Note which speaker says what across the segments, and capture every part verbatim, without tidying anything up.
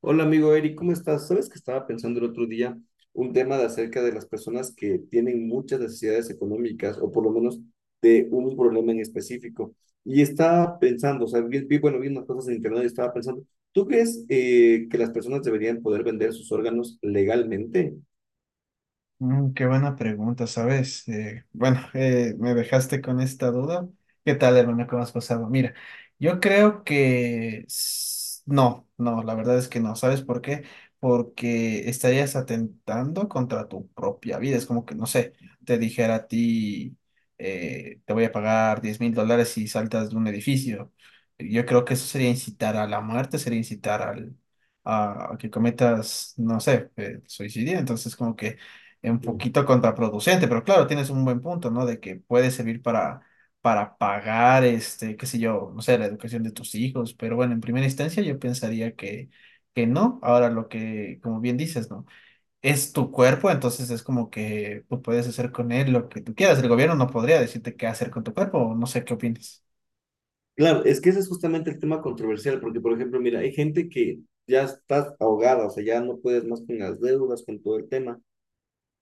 Speaker 1: Hola amigo Eric, ¿cómo estás? Sabes que estaba pensando el otro día un tema de acerca de las personas que tienen muchas necesidades económicas o por lo menos de un problema en específico. Y estaba pensando, o sea, vi, vi- bueno, vi unas cosas en internet y estaba pensando, ¿tú crees eh, que las personas deberían poder vender sus órganos legalmente?
Speaker 2: Mm, qué buena pregunta, ¿sabes? Eh, bueno, eh, Me dejaste con esta duda. ¿Qué tal, hermano? ¿Cómo has pasado? Mira, yo creo que s- no, no, la verdad es que no. ¿Sabes por qué? Porque estarías atentando contra tu propia vida. Es como que, no sé, te dijera a ti, eh, te voy a pagar diez mil dólares si saltas de un edificio. Yo creo que eso sería incitar a la muerte, sería incitar al... a a que cometas, no sé, eh, suicidio, entonces como que un
Speaker 1: Mm.
Speaker 2: poquito contraproducente, pero claro, tienes un buen punto, ¿no? De que puede servir para, para pagar, este, qué sé yo, no sé, la educación de tus hijos, pero bueno, en primera instancia yo pensaría que, que no. Ahora lo que, como bien dices, ¿no? Es tu cuerpo, entonces es como que tú puedes hacer con él lo que tú quieras. El gobierno no podría decirte qué hacer con tu cuerpo, o no sé qué opinas.
Speaker 1: Claro, es que ese es justamente el tema controversial, porque por ejemplo, mira, hay gente que ya estás ahogada, o sea, ya no puedes más con las deudas, con todo el tema.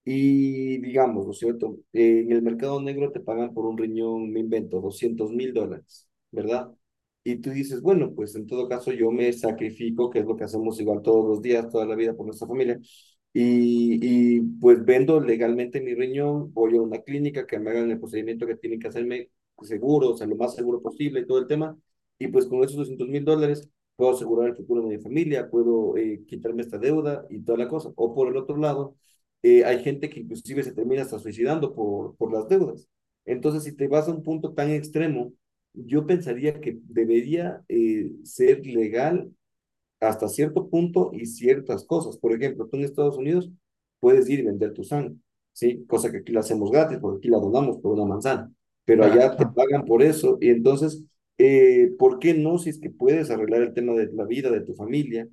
Speaker 1: Y digamos, ¿no es cierto? Eh, En el mercado negro te pagan por un riñón, me invento, doscientos mil dólares, ¿verdad? Y tú dices, bueno, pues en todo caso yo me sacrifico, que es lo que hacemos igual todos los días, toda la vida por nuestra familia. Y, y pues vendo legalmente mi riñón, voy a una clínica que me hagan el procedimiento que tienen que hacerme seguro, o sea, lo más seguro posible y todo el tema. Y pues con esos doscientos mil dólares puedo asegurar el futuro de mi familia, puedo eh, quitarme esta deuda y toda la cosa. O por el otro lado eh, hay gente que inclusive se termina hasta suicidando por, por las deudas. Entonces, si te vas a un punto tan extremo, yo pensaría que debería eh, ser legal hasta cierto punto y ciertas cosas. Por ejemplo, tú en Estados Unidos puedes ir y vender tu sangre, ¿sí? Cosa que aquí la hacemos gratis porque aquí la donamos por una manzana, pero
Speaker 2: Ah,
Speaker 1: allá te
Speaker 2: ah.
Speaker 1: pagan por eso y entonces, eh, ¿por qué no si es que puedes arreglar el tema de la vida de tu familia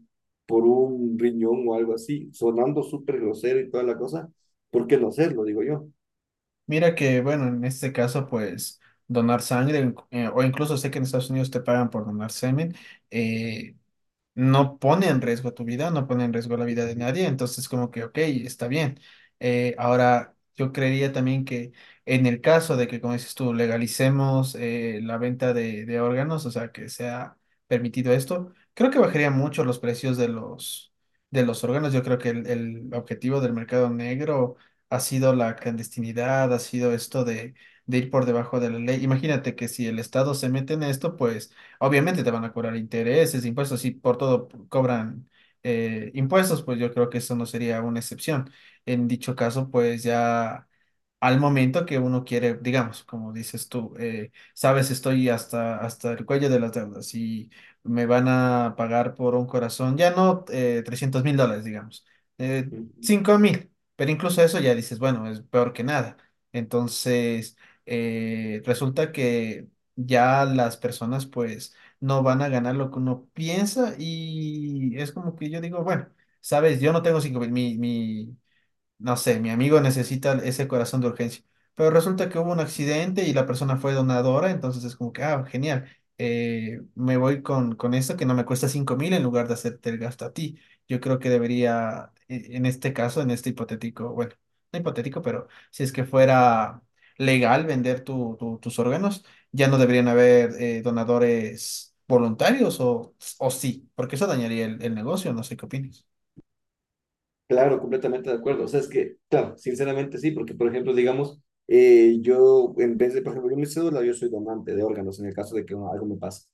Speaker 1: por un riñón o algo así, sonando súper grosero y toda la cosa? ¿Por qué no hacerlo, digo yo?
Speaker 2: Mira que, bueno, en este caso, pues donar sangre, eh, o incluso sé que en Estados Unidos te pagan por donar semen, eh, no pone en riesgo tu vida, no pone en riesgo la vida de
Speaker 1: Uh-huh.
Speaker 2: nadie, entonces como que, ok, está bien. Eh, ahora, yo creería también que en el caso de que, como dices tú, legalicemos eh, la venta de, de órganos, o sea, que sea permitido esto, creo que bajaría mucho los precios de los, de los órganos. Yo creo que el, el objetivo del mercado negro ha sido la clandestinidad, ha sido esto de, de ir por debajo de la ley. Imagínate que si el Estado se mete en esto, pues obviamente te van a cobrar intereses, impuestos, si por todo cobran eh, impuestos, pues yo creo que eso no sería una excepción. En dicho caso, pues ya al momento que uno quiere, digamos, como dices tú, eh, sabes, estoy hasta, hasta el cuello de las deudas y me van a pagar por un corazón, ya no eh, trescientos mil dólares, digamos, eh,
Speaker 1: Uh-huh.
Speaker 2: cinco mil, pero incluso eso ya dices, bueno, es peor que nada. Entonces, eh, resulta que ya las personas, pues, no van a ganar lo que uno piensa y es como que yo digo, bueno, sabes, yo no tengo cinco mil, mi, mi, no sé, mi amigo necesita ese corazón de urgencia. Pero resulta que hubo un accidente y la persona fue donadora, entonces es como que, ah, genial, eh, me voy con, con esto que no me cuesta cinco mil en lugar de hacerte el gasto a ti. Yo creo que debería, e- en este caso, en este hipotético, bueno, no hipotético, pero si es que fuera legal vender tu- tu- tus órganos, ya no deberían haber eh, donadores voluntarios o, o sí, porque eso dañaría el, el negocio, no sé qué opinas.
Speaker 1: Claro, completamente de acuerdo. O sea, es que, claro, sinceramente sí, porque por ejemplo, digamos, eh, yo en vez de, por ejemplo, yo mi cédula, yo soy donante de órganos en el caso de que algo me pase.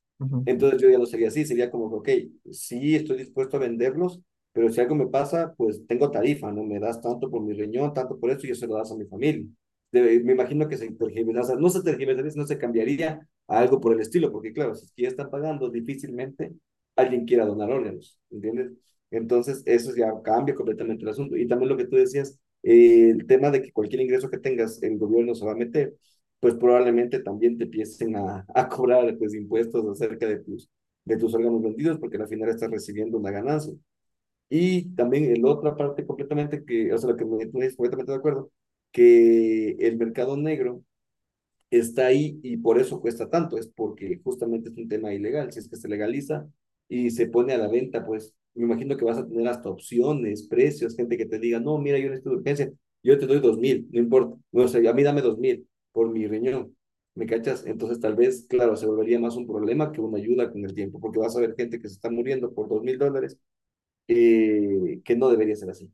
Speaker 1: Entonces yo ya lo sería así, sería como, ok, sí estoy dispuesto a venderlos, pero si algo me pasa, pues tengo tarifa, ¿no? Me das tanto por mi riñón, tanto por esto, y yo se lo das a mi familia. De- me imagino que se tergiversaría, no se tergiversaría, no se cambiaría a algo por el estilo, porque claro, si es que ya están pagando, difícilmente alguien quiera donar órganos, ¿entiendes? Entonces, eso ya cambia completamente el asunto. Y también lo que tú decías, eh, el tema de que cualquier ingreso que tengas, el gobierno se va a meter, pues probablemente también te empiecen a, a cobrar pues, impuestos acerca de tus, de tus órganos vendidos, porque al final estás recibiendo una ganancia. Y también en la otra parte completamente que, o sea, lo que me, me es completamente de acuerdo, que el mercado negro está ahí y por eso cuesta tanto, es porque justamente es un tema ilegal, si es que se legaliza y se pone a la venta, pues me imagino que vas a tener hasta opciones, precios, gente que te diga, no, mira, yo necesito de urgencia, yo te doy dos mil, no importa, no, o sea, a mí dame dos mil por mi riñón, ¿me cachas? Entonces tal vez, claro, se volvería más un problema que una ayuda con el tiempo, porque vas a ver gente que se está muriendo por dos mil dólares, eh, que no debería ser así.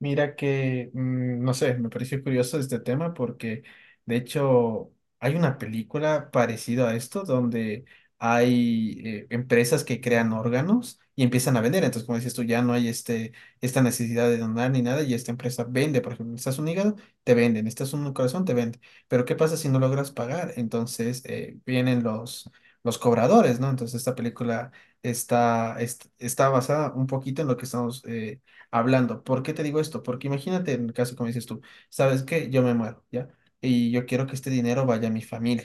Speaker 2: Mira que, mm, no sé, me pareció curioso este tema porque de hecho hay una película parecida a esto donde hay eh, empresas que crean órganos y empiezan a vender. Entonces, como dices tú, ya no hay este, esta necesidad de donar ni nada y esta empresa vende, por ejemplo, estás un hígado, te venden, estás un corazón, te venden. Pero ¿qué pasa si no logras pagar? Entonces eh, vienen los, los cobradores, ¿no? Entonces esta película está, est- está basada un poquito en lo que estamos... eh, hablando. ¿Por qué te digo esto? Porque imagínate en el caso, como dices tú, ¿sabes que Yo me muero, ¿ya? Y yo quiero que este dinero vaya a mi familia.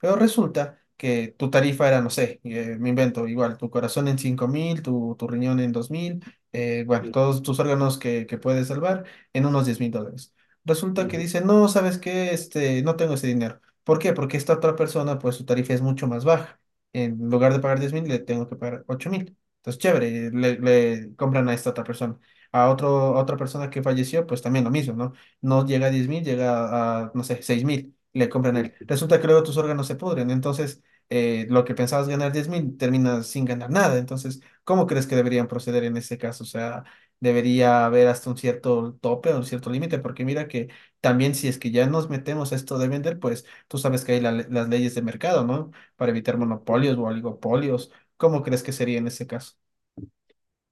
Speaker 2: Pero resulta que tu tarifa era, no sé, eh, me invento, igual, tu corazón en cinco mil, tu, tu riñón en dos mil, eh, bueno,
Speaker 1: Mm.
Speaker 2: todos tus órganos que, que puedes salvar en unos diez mil dólares. Resulta que
Speaker 1: Mm.
Speaker 2: dice, no, ¿sabes qué? Este, no tengo ese dinero. ¿Por qué? Porque esta otra persona, pues su tarifa es mucho más baja. En lugar de pagar diez mil, le tengo que pagar ocho mil. Entonces, chévere, le, le compran a esta otra persona a otro, a otra persona que falleció, pues también lo mismo, ¿no? No llega a diez mil llega a, no sé, seis mil le compran él. Resulta que luego tus órganos se pudren, entonces eh, lo que pensabas ganar diez mil terminas sin ganar nada. Entonces, ¿cómo crees que deberían proceder en ese caso? O sea, debería haber hasta un cierto tope o un cierto límite, porque mira que también si es que ya nos metemos a esto de vender, pues tú sabes que hay la le- las leyes de mercado, ¿no? Para evitar
Speaker 1: Mm.
Speaker 2: monopolios o oligopolios. ¿Cómo crees que sería en ese caso?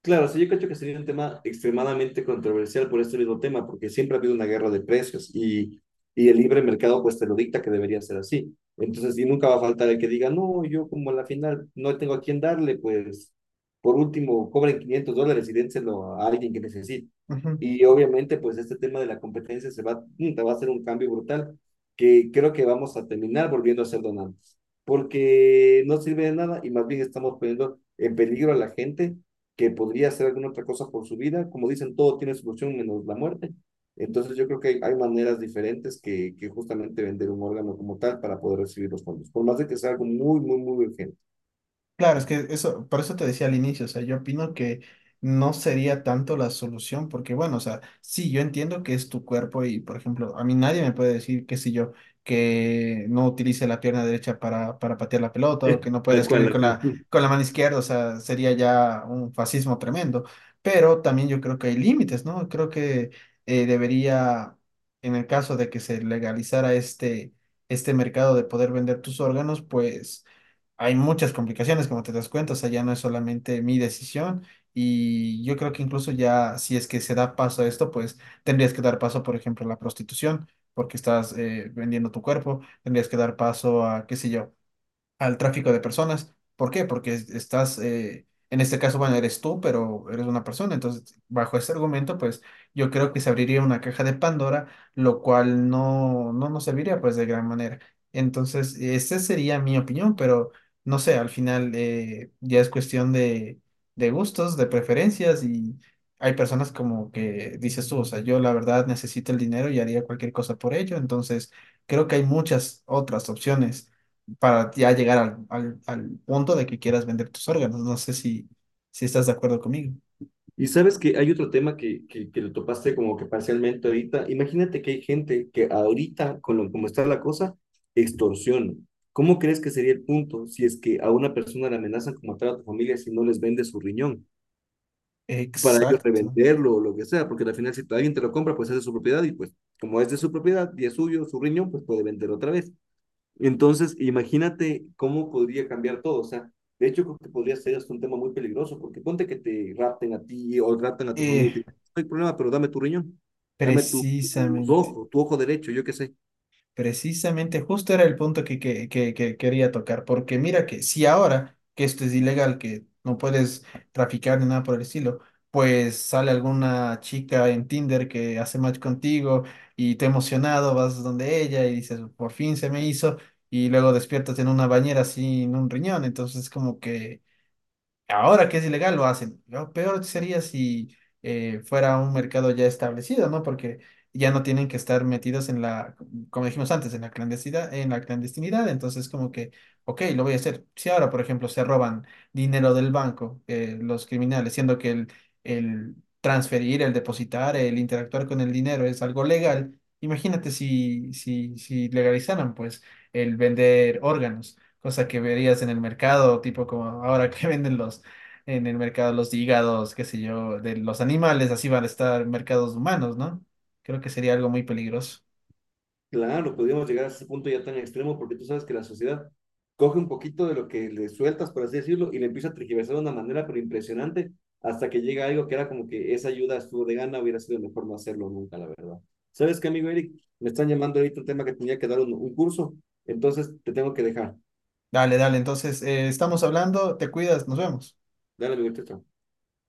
Speaker 1: Claro, sí, yo creo que sería un tema extremadamente controversial por este mismo tema, porque siempre ha habido una guerra de precios y, y el libre mercado pues te lo dicta que debería ser así. Entonces, y nunca va a faltar el que diga, no, yo como a la final no tengo a quién darle, pues por último cobren quinientos dólares y dénselo a alguien que necesite.
Speaker 2: Ujú.
Speaker 1: Y obviamente pues este tema de la competencia se va, mm, va a ser un cambio brutal que creo que vamos a terminar volviendo a ser donantes, porque no sirve de nada y más bien estamos poniendo en peligro a la gente que podría hacer alguna otra cosa por su vida. Como dicen, todo tiene solución menos la muerte. Entonces yo creo que hay, hay maneras diferentes que, que justamente vender un órgano como tal para poder recibir los fondos, por más de que sea algo muy, muy, muy urgente.
Speaker 2: Claro, es que eso, por eso te decía al inicio, o sea, yo opino que no sería tanto la solución, porque bueno, o sea, sí, yo entiendo que es tu cuerpo y, por ejemplo, a mí nadie me puede decir, qué sé yo, que no utilice la pierna derecha para, para patear la pelota o que no pueda
Speaker 1: Tal
Speaker 2: escribir
Speaker 1: cual,
Speaker 2: con
Speaker 1: ajá.
Speaker 2: la, con la mano izquierda, o sea, sería ya un fascismo tremendo, pero también yo creo que hay límites, ¿no? Creo que eh, debería, en el caso de que se legalizara este, este mercado de poder vender tus órganos, pues hay muchas complicaciones, como te das cuenta, o sea, ya no es solamente mi decisión y yo creo que incluso ya si es que se da paso a esto, pues tendrías que dar paso, por ejemplo, a la prostitución, porque estás eh, vendiendo tu cuerpo, tendrías que dar paso a, qué sé yo, al tráfico de personas. ¿Por qué? Porque es- estás, eh, en este caso, bueno, eres tú, pero eres una persona. Entonces, bajo ese argumento, pues yo creo que se abriría una caja de Pandora, lo cual no, no nos serviría pues de gran manera. Entonces, esa sería mi opinión, pero no sé, al final eh, ya es cuestión de, de gustos, de preferencias y hay personas como que dices tú, o sea, yo la verdad necesito el dinero y haría cualquier cosa por ello. Entonces, creo que hay muchas otras opciones para ya llegar al, al- al punto de que quieras vender tus órganos. No sé si, si estás de acuerdo conmigo.
Speaker 1: Y sabes que hay otro tema que, que, que lo topaste como que parcialmente ahorita. Imagínate que hay gente que ahorita, con lo, como está la cosa, extorsiona. ¿Cómo crees que sería el punto si es que a una persona le amenazan con matar a tu familia si no les vende su riñón? Para ellos
Speaker 2: Exacto.
Speaker 1: revenderlo o lo que sea, porque al final si alguien te lo compra, pues es de su propiedad y pues como es de su propiedad y es suyo, su riñón, pues puede vender otra vez. Entonces, imagínate cómo podría cambiar todo, o sea, de hecho creo que podría ser hasta un tema muy peligroso, porque ponte que te rapten a ti o rapten a tu familia y te
Speaker 2: Eh,
Speaker 1: dicen, no hay problema, pero dame tu riñón, dame tu, tu
Speaker 2: precisamente.
Speaker 1: ojo, tu ojo derecho, yo qué sé.
Speaker 2: Precisamente, justo era el punto que, que, que- que quería tocar, porque mira que si ahora que esto es ilegal, que no puedes traficar ni nada por el estilo, pues sale alguna chica en Tinder que hace match contigo y te emocionado, vas donde ella y dices, por fin se me hizo, y luego despiertas en una bañera sin un riñón, entonces como que ahora que es ilegal lo hacen. Lo peor sería si eh, fuera un mercado ya establecido, ¿no? Porque ya no tienen que estar metidos en la, como dijimos antes, en la clandestinidad, en la clandestinidad. Entonces, como que, ok, lo voy a hacer. Si ahora, por ejemplo, se roban dinero del banco, eh, los criminales, siendo que el, el transferir, el depositar, el interactuar con el dinero es algo legal, imagínate si, si, si legalizaran, pues, el vender órganos, cosa que verías en el mercado, tipo como ahora que venden los en el mercado los hígados, qué sé yo, de los animales, así van a estar en mercados humanos, ¿no? Creo que sería algo muy peligroso.
Speaker 1: Claro, podríamos llegar a ese punto ya tan extremo porque tú sabes que la sociedad coge un poquito de lo que le sueltas, por así decirlo, y le empieza a tergiversar de una manera pero impresionante hasta que llega algo que era como que esa ayuda estuvo de gana, hubiera sido mejor no hacerlo nunca, la verdad. ¿Sabes qué, amigo Eric? Me están llamando ahorita un tema que tenía que dar un, un, curso, entonces te tengo que dejar.
Speaker 2: Dale, dale, Entonces eh, estamos hablando, te cuidas, nos vemos.
Speaker 1: Dale, amigo, chao.